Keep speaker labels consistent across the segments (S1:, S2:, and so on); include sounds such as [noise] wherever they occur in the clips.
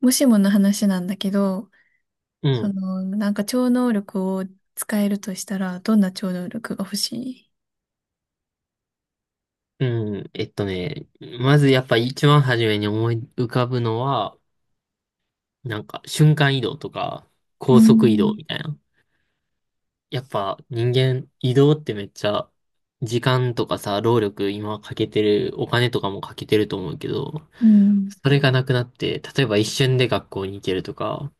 S1: もしもの話なんだけど、
S2: うん。
S1: 超能力を使えるとしたら、どんな超能力が欲しい？
S2: うん。まずやっぱ一番初めに思い浮かぶのは、なんか瞬間移動とか
S1: う
S2: 高速移動
S1: ん、
S2: みたいな。やっぱ人間移動ってめっちゃ時間とかさ、労力今かけてる、お金とかもかけてると思うけど、
S1: うん、
S2: それがなくなって、例えば一瞬で学校に行けるとか、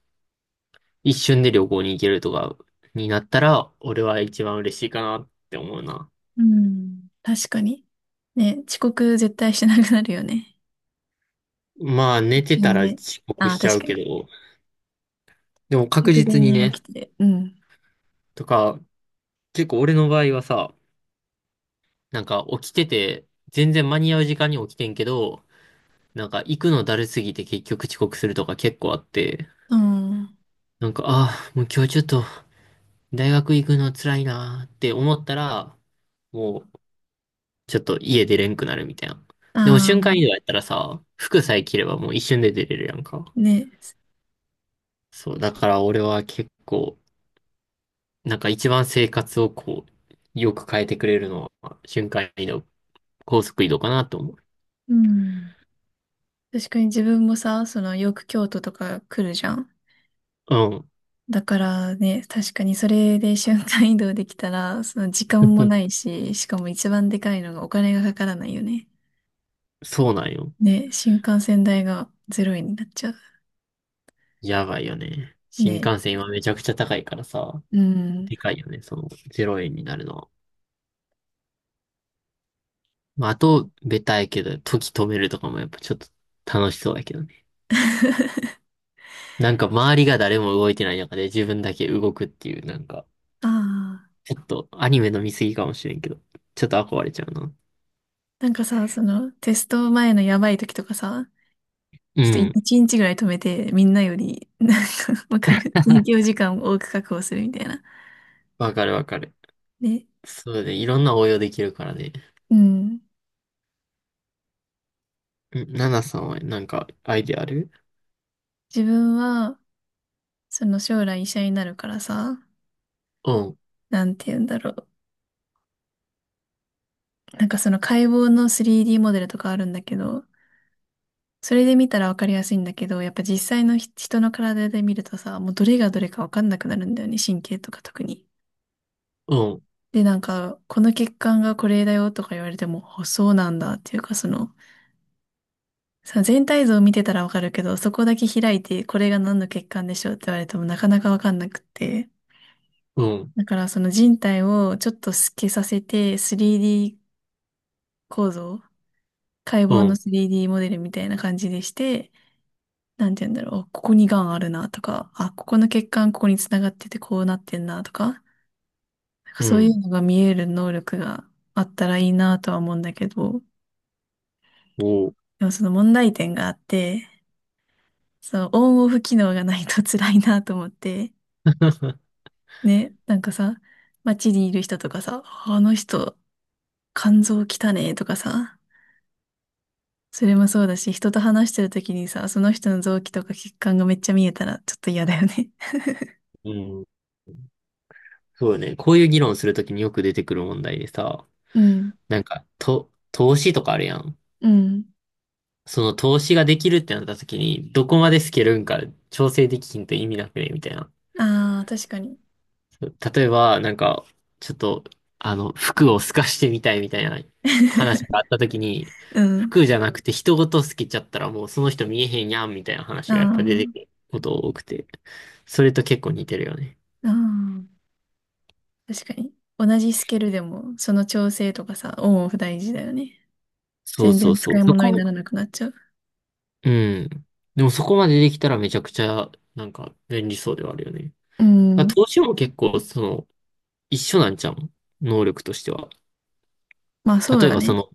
S2: 一瞬で旅行に行けるとかになったら、俺は一番嬉しいかなって思うな。
S1: うん。確かに。ね、遅刻絶対しなくなるよね。
S2: まあ寝て
S1: 死
S2: た
S1: ん
S2: ら
S1: で。
S2: 遅刻
S1: ああ、
S2: しちゃ
S1: 確
S2: う
S1: か
S2: け
S1: に。
S2: ど、でも確
S1: 直前
S2: 実に
S1: に起
S2: ね、
S1: きて。うん。
S2: とか、結構俺の場合はさ、なんか起きてて、全然間に合う時間に起きてんけど、なんか行くのだるすぎて結局遅刻するとか結構あって、
S1: うん。
S2: なんか、ああ、もう今日ちょっと大学行くの辛いなーって思ったら、もうちょっと家出れんくなるみたいな。でも
S1: あ
S2: 瞬間
S1: あ、
S2: 移動やったらさ、服さえ着ればもう一瞬で出れるやんか。
S1: ね。
S2: そう、だから俺は結構、なんか一番生活をこう、よく変えてくれるのは瞬間移動、高速移動かなと思う。
S1: うん。確かに自分もさ、よく京都とか来るじゃん。
S2: うん。
S1: だからね、確かにそれで瞬間移動できたら、その時間もな
S2: [laughs]
S1: いし、しかも一番でかいのがお金がかからないよね。
S2: そうなんよ。
S1: ね、新幹線代が0円になっちゃう。
S2: やばいよね。新
S1: ね、
S2: 幹線今めちゃくちゃ高いからさ、
S1: うん。
S2: でかいよね、その0円になるのは。まあ、あと、ベタやけど、時止めるとかもやっぱちょっと楽しそうだけどね。
S1: [laughs]
S2: なんか周りが誰も動いてない中で自分だけ動くっていう、なんか、
S1: ああ、
S2: ちょっとアニメの見過ぎかもしれんけど、ちょっと憧れちゃうな。
S1: なんかさ、そのテスト前のやばい時とかさ、
S2: う
S1: ちょっと
S2: ん。
S1: 一日ぐらい止めて、みんなより、なんか、わかる勉強時間を多く確保するみたいな。
S2: わかるわかる。
S1: ね、
S2: そうね、いろんな応用できるからね。
S1: うん。
S2: ナナさんはなんかアイデアある？
S1: 自分は、将来医者になるからさ、
S2: うん、
S1: なんて言うんだろう。なんかその解剖の 3D モデルとかあるんだけど、それで見たらわかりやすいんだけど、やっぱ実際の人の体で見るとさ、もうどれがどれかわかんなくなるんだよね、神経とか特に。
S2: うん、
S1: で、なんか、この血管がこれだよとか言われても、あ、そうなんだっていうか、全体像を見てたらわかるけど、そこだけ開いて、これが何の血管でしょうって言われてもなかなかわかんなくって。
S2: うん、
S1: だからその人体をちょっと透けさせて、3D 構造、解
S2: う
S1: 剖の
S2: ん、
S1: 3D モデルみたいな感じでして、なんて言うんだろう、ここに癌あるなとか、あ、ここの血管ここに繋がっててこうなってんなとか、なんか
S2: う
S1: そういう
S2: ん。
S1: のが見える能力があったらいいなとは思うんだけど、
S2: おー
S1: でもその問題点があって、そのオンオフ機能がないと辛いなと思って、
S2: [laughs]
S1: ね、なんかさ、街にいる人とかさ、あの人、肝臓汚ねとかさ、それもそうだし、人と話してる時にさ、その人の臓器とか血管がめっちゃ見えたらちょっと嫌だよね。
S2: うん。そうね。こういう議論するときによく出てくる問題でさ、
S1: [laughs] うん、
S2: なんか、投資とかあるやん。
S1: うん。
S2: その投資ができるってなったときに、どこまでスケるんか調整できひんと意味なくね、みたいな。
S1: ああ、確かに。
S2: 例えば、なんか、ちょっと、服を透かしてみたいみたいな話
S1: [laughs]
S2: があったときに、
S1: うん。
S2: 服じゃなくて人ごと透けちゃったらもうその人見えへんやんみたいな話がやっぱ出てく
S1: あ
S2: ること多くて、それと結構似てるよね。
S1: あ、ああ、確かに。同じスケールでも、その調整とかさ、オンオフ大事だよね。
S2: そう
S1: 全
S2: そう
S1: 然
S2: そ
S1: 使
S2: う。
S1: い
S2: そ
S1: 物にな
S2: こ、
S1: らなくなっちゃう。
S2: うん。でもそこまでできたらめちゃくちゃ、なんか便利そうではあるよね。
S1: う
S2: まあ
S1: ん。
S2: 投資も結構、その、一緒なんちゃう能力としては。
S1: まあそう
S2: 例え
S1: だ
S2: ばそ
S1: ね。
S2: の、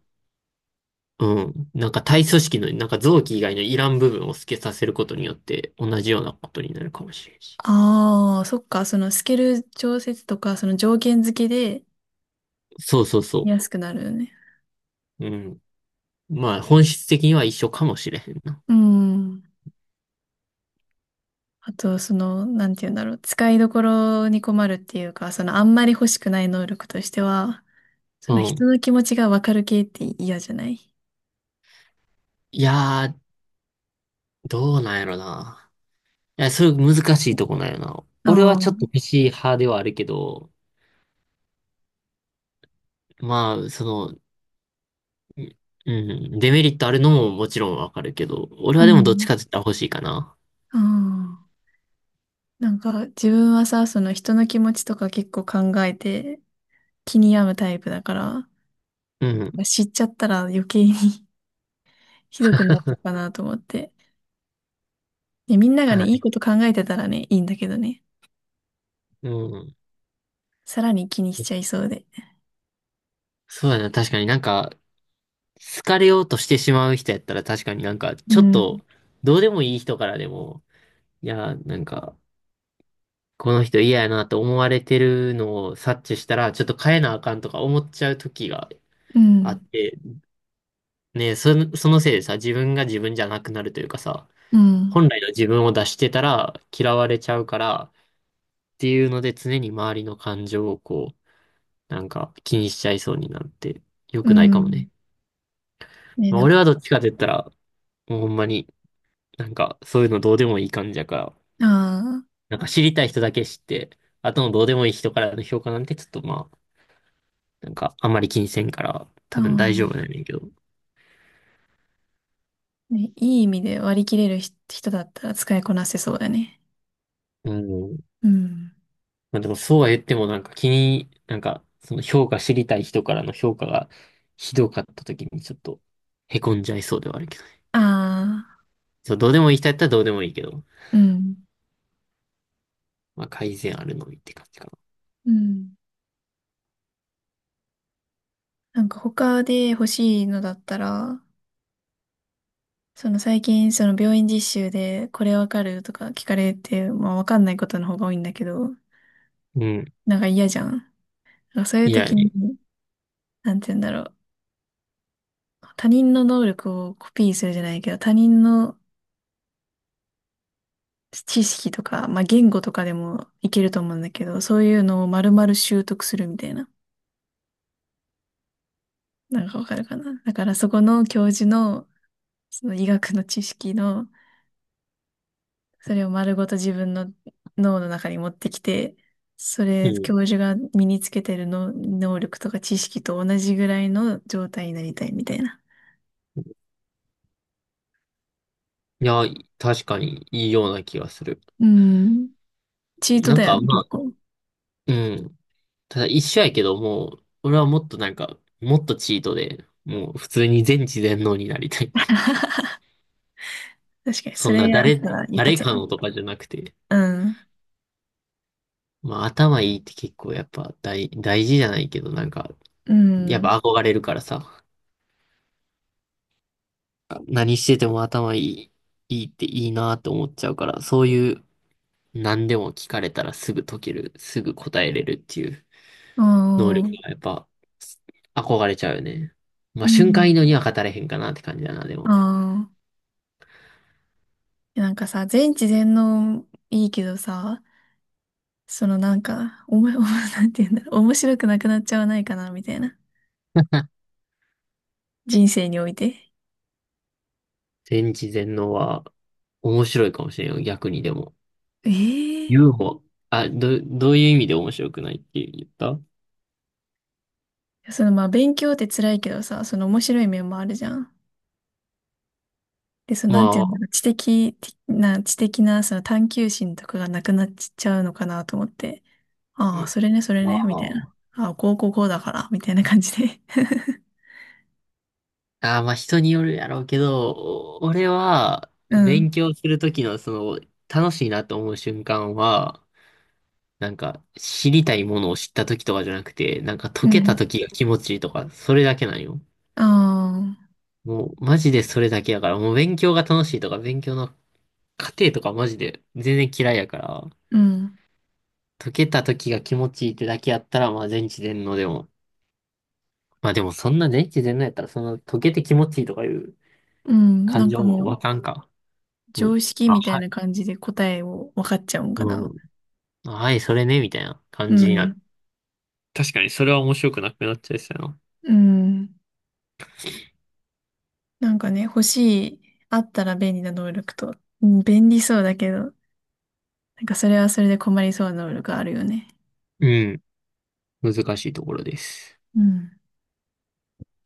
S2: うん、なんか体組織の、なんか臓器以外のいらん部分を透けさせることによって、同じようなことになるかもしれんし。
S1: ああ、そっか。そのスケール調節とか、その条件付けで
S2: そうそうそ
S1: 安くなるよね。
S2: う。うん。まあ、本質的には一緒かもしれへんな。
S1: うん。あと、なんて言うんだろう。使いどころに困るっていうか、そのあんまり欲しくない能力としては、そ
S2: う
S1: の人
S2: ん。
S1: の気持ちがわかる系って嫌じゃない？
S2: いやー、どうなんやろな。いや、それ難しいとこなんやな。俺は
S1: あ
S2: ちょっ
S1: あ、
S2: としい派ではあるけど、まあ、その、うん。デメリットあるのももちろんわかるけど、俺
S1: う
S2: はでもどっち
S1: ん。
S2: かって言ったら欲しいかな。
S1: ああ。なんか自分はさ、その人の気持ちとか結構考えて気に病むタイプだから、
S2: うん。
S1: 知っちゃったら余計に [laughs] ひどくなるのかなと思って。で、みんなが
S2: は
S1: ね、いい
S2: い。
S1: こと考えてたらね、いいんだけどね、
S2: うん。
S1: さらに気にしちゃいそうで。
S2: そうだな。確かになんか、好かれようとしてしまう人やったら確かになんか、
S1: う
S2: ちょっ
S1: ん、
S2: と、どうでもいい人からでも、いや、なんか、この人嫌やなと思われてるのを察知したら、ちょっと変えなあかんとか思っちゃう時が
S1: う
S2: あ
S1: ん、
S2: って、ね、その、そのせいでさ、自分が自分じゃなくなるというかさ、
S1: うん、
S2: 本来の自分を出してたら嫌われちゃうから、っていうので常に周りの感情をこう、なんか気にしちゃいそうになって良
S1: う
S2: くないかも
S1: ん。
S2: ね。
S1: ね、
S2: まあ、
S1: なん
S2: 俺
S1: か、
S2: はどっちかって言ったら、もうほんまになんかそういうのどうでもいい感じやから、
S1: あ
S2: なんか知りたい人だけ知って、あとのどうでもいい人からの評価なんてちょっとまあ、なんかあんまり気にせんから
S1: あ、
S2: 多
S1: あ
S2: 分大丈夫な
S1: あ、
S2: んやけど。
S1: ね、いい意味で割り切れる人だったら使いこなせそうだね。
S2: うん。
S1: うん。
S2: まあでもそうは言ってもなんかなんかその評価知りたい人からの評価がひどかった時にちょっとへこんじゃいそうではあるけどね。
S1: ああ、
S2: そう、どうでもいい人やったらどうでもいいけど。
S1: うん、
S2: まあ、改善あるのみって感じかな。
S1: うん。なんか他で欲しいのだったら、その最近、その病院実習でこれわかるとか聞かれて、まあわかんないことの方が多いんだけど、
S2: うん。
S1: なんか嫌じゃん。なんかそういう
S2: いや
S1: 時に、
S2: ね。
S1: なんて言うんだろう。他人の能力をコピーするじゃないけど、他人の知識とか、まあ言語とかでもいけると思うんだけど、そういうのを丸々習得するみたいな。なんかわかるかな。だからそこの教授の、その医学の知識の、それを丸ごと自分の脳の中に持ってきて、そ
S2: う
S1: れ、
S2: ん。い
S1: 教授が身につけてるの能力とか知識と同じぐらいの状態になりたいみたいな。
S2: や、確かにいいような気がする。
S1: うん。チート
S2: なん
S1: だよ
S2: か、
S1: ね、
S2: ま
S1: 結
S2: あ、
S1: 構。
S2: うん。ただ一緒やけど、もう、俺はもっとなんか、もっとチートで、もう普通に全知全能になりたい。[laughs]
S1: 確かに。
S2: そ
S1: そ
S2: ん
S1: れ
S2: な
S1: やった
S2: 誰、
S1: ら一
S2: 誰
S1: 発や
S2: か
S1: ね。
S2: のとかじゃなくて、
S1: うん。
S2: まあ、頭いいって結構やっぱ大事じゃないけど、なんか、
S1: う
S2: やっぱ
S1: ん。
S2: 憧れるからさ、何してても頭いいっていいなって思っちゃうから、そういう、何でも聞かれたらすぐ解ける、すぐ答えれるっていう能
S1: あ
S2: 力
S1: あ、
S2: がやっぱ憧れちゃうよね。ま
S1: う
S2: あ瞬間移
S1: ん。
S2: 動には語れへんかなって感じだな、でも。
S1: ああ。なんかさ、全知全能いいけどさ、そのなんか、[laughs] なんて言うんだろう、面白くなくなっちゃわないかな、みたいな。人生において。
S2: 全知全能は面白いかもしれんよ、逆にでも。
S1: ええ、
S2: UFO、どういう意味で面白くないって言った？
S1: そのまあ勉強って辛いけどさ、その面白い面もあるじゃん。で、その
S2: ま
S1: なんていうんだ
S2: あ、
S1: ろう、知的なその探求心とかがなくなっちゃうのかなと思って、
S2: う
S1: ああ、
S2: ん
S1: それね、それ
S2: ま
S1: ね、みたいな。
S2: あ、
S1: ああ、こうこうこうだから、みたいな感じで。[laughs]
S2: まあ人によるやろうけど、俺は
S1: うん。
S2: 勉強するときのその楽しいなと思う瞬間は、なんか、知りたいものを知った時とかじゃなくて、なんか
S1: う
S2: 解けた
S1: ん。
S2: 時が気持ちいいとか、それだけなんよ。
S1: ああ、
S2: もう、マジでそれだけやから、もう勉強が楽しいとか、勉強の過程とかマジで全然嫌いやから、
S1: うん。
S2: 解けた時が気持ちいいってだけやったら、まあ全知全能でも。まあでもそんな全知全能やったら、その解けて気持ちいいとかいう
S1: うん。な
S2: 感
S1: ん
S2: 情
S1: か
S2: も
S1: も
S2: わ
S1: う、
S2: かんか。も
S1: 常
S2: う、
S1: 識
S2: あ、
S1: みたい
S2: はい、
S1: な感じで答えを分かっちゃうんか
S2: う
S1: な。
S2: ん、あはい、それね、みたいな
S1: う
S2: 感じになっ。
S1: ん。
S2: 確かにそれは面白くなくなっちゃいそうやな。
S1: うん。なんかね、欲しい、あったら便利な能力と、うん、便利そうだけど、なんかそれはそれで困りそうな能力あるよね。
S2: うん、難しいところです。
S1: うん。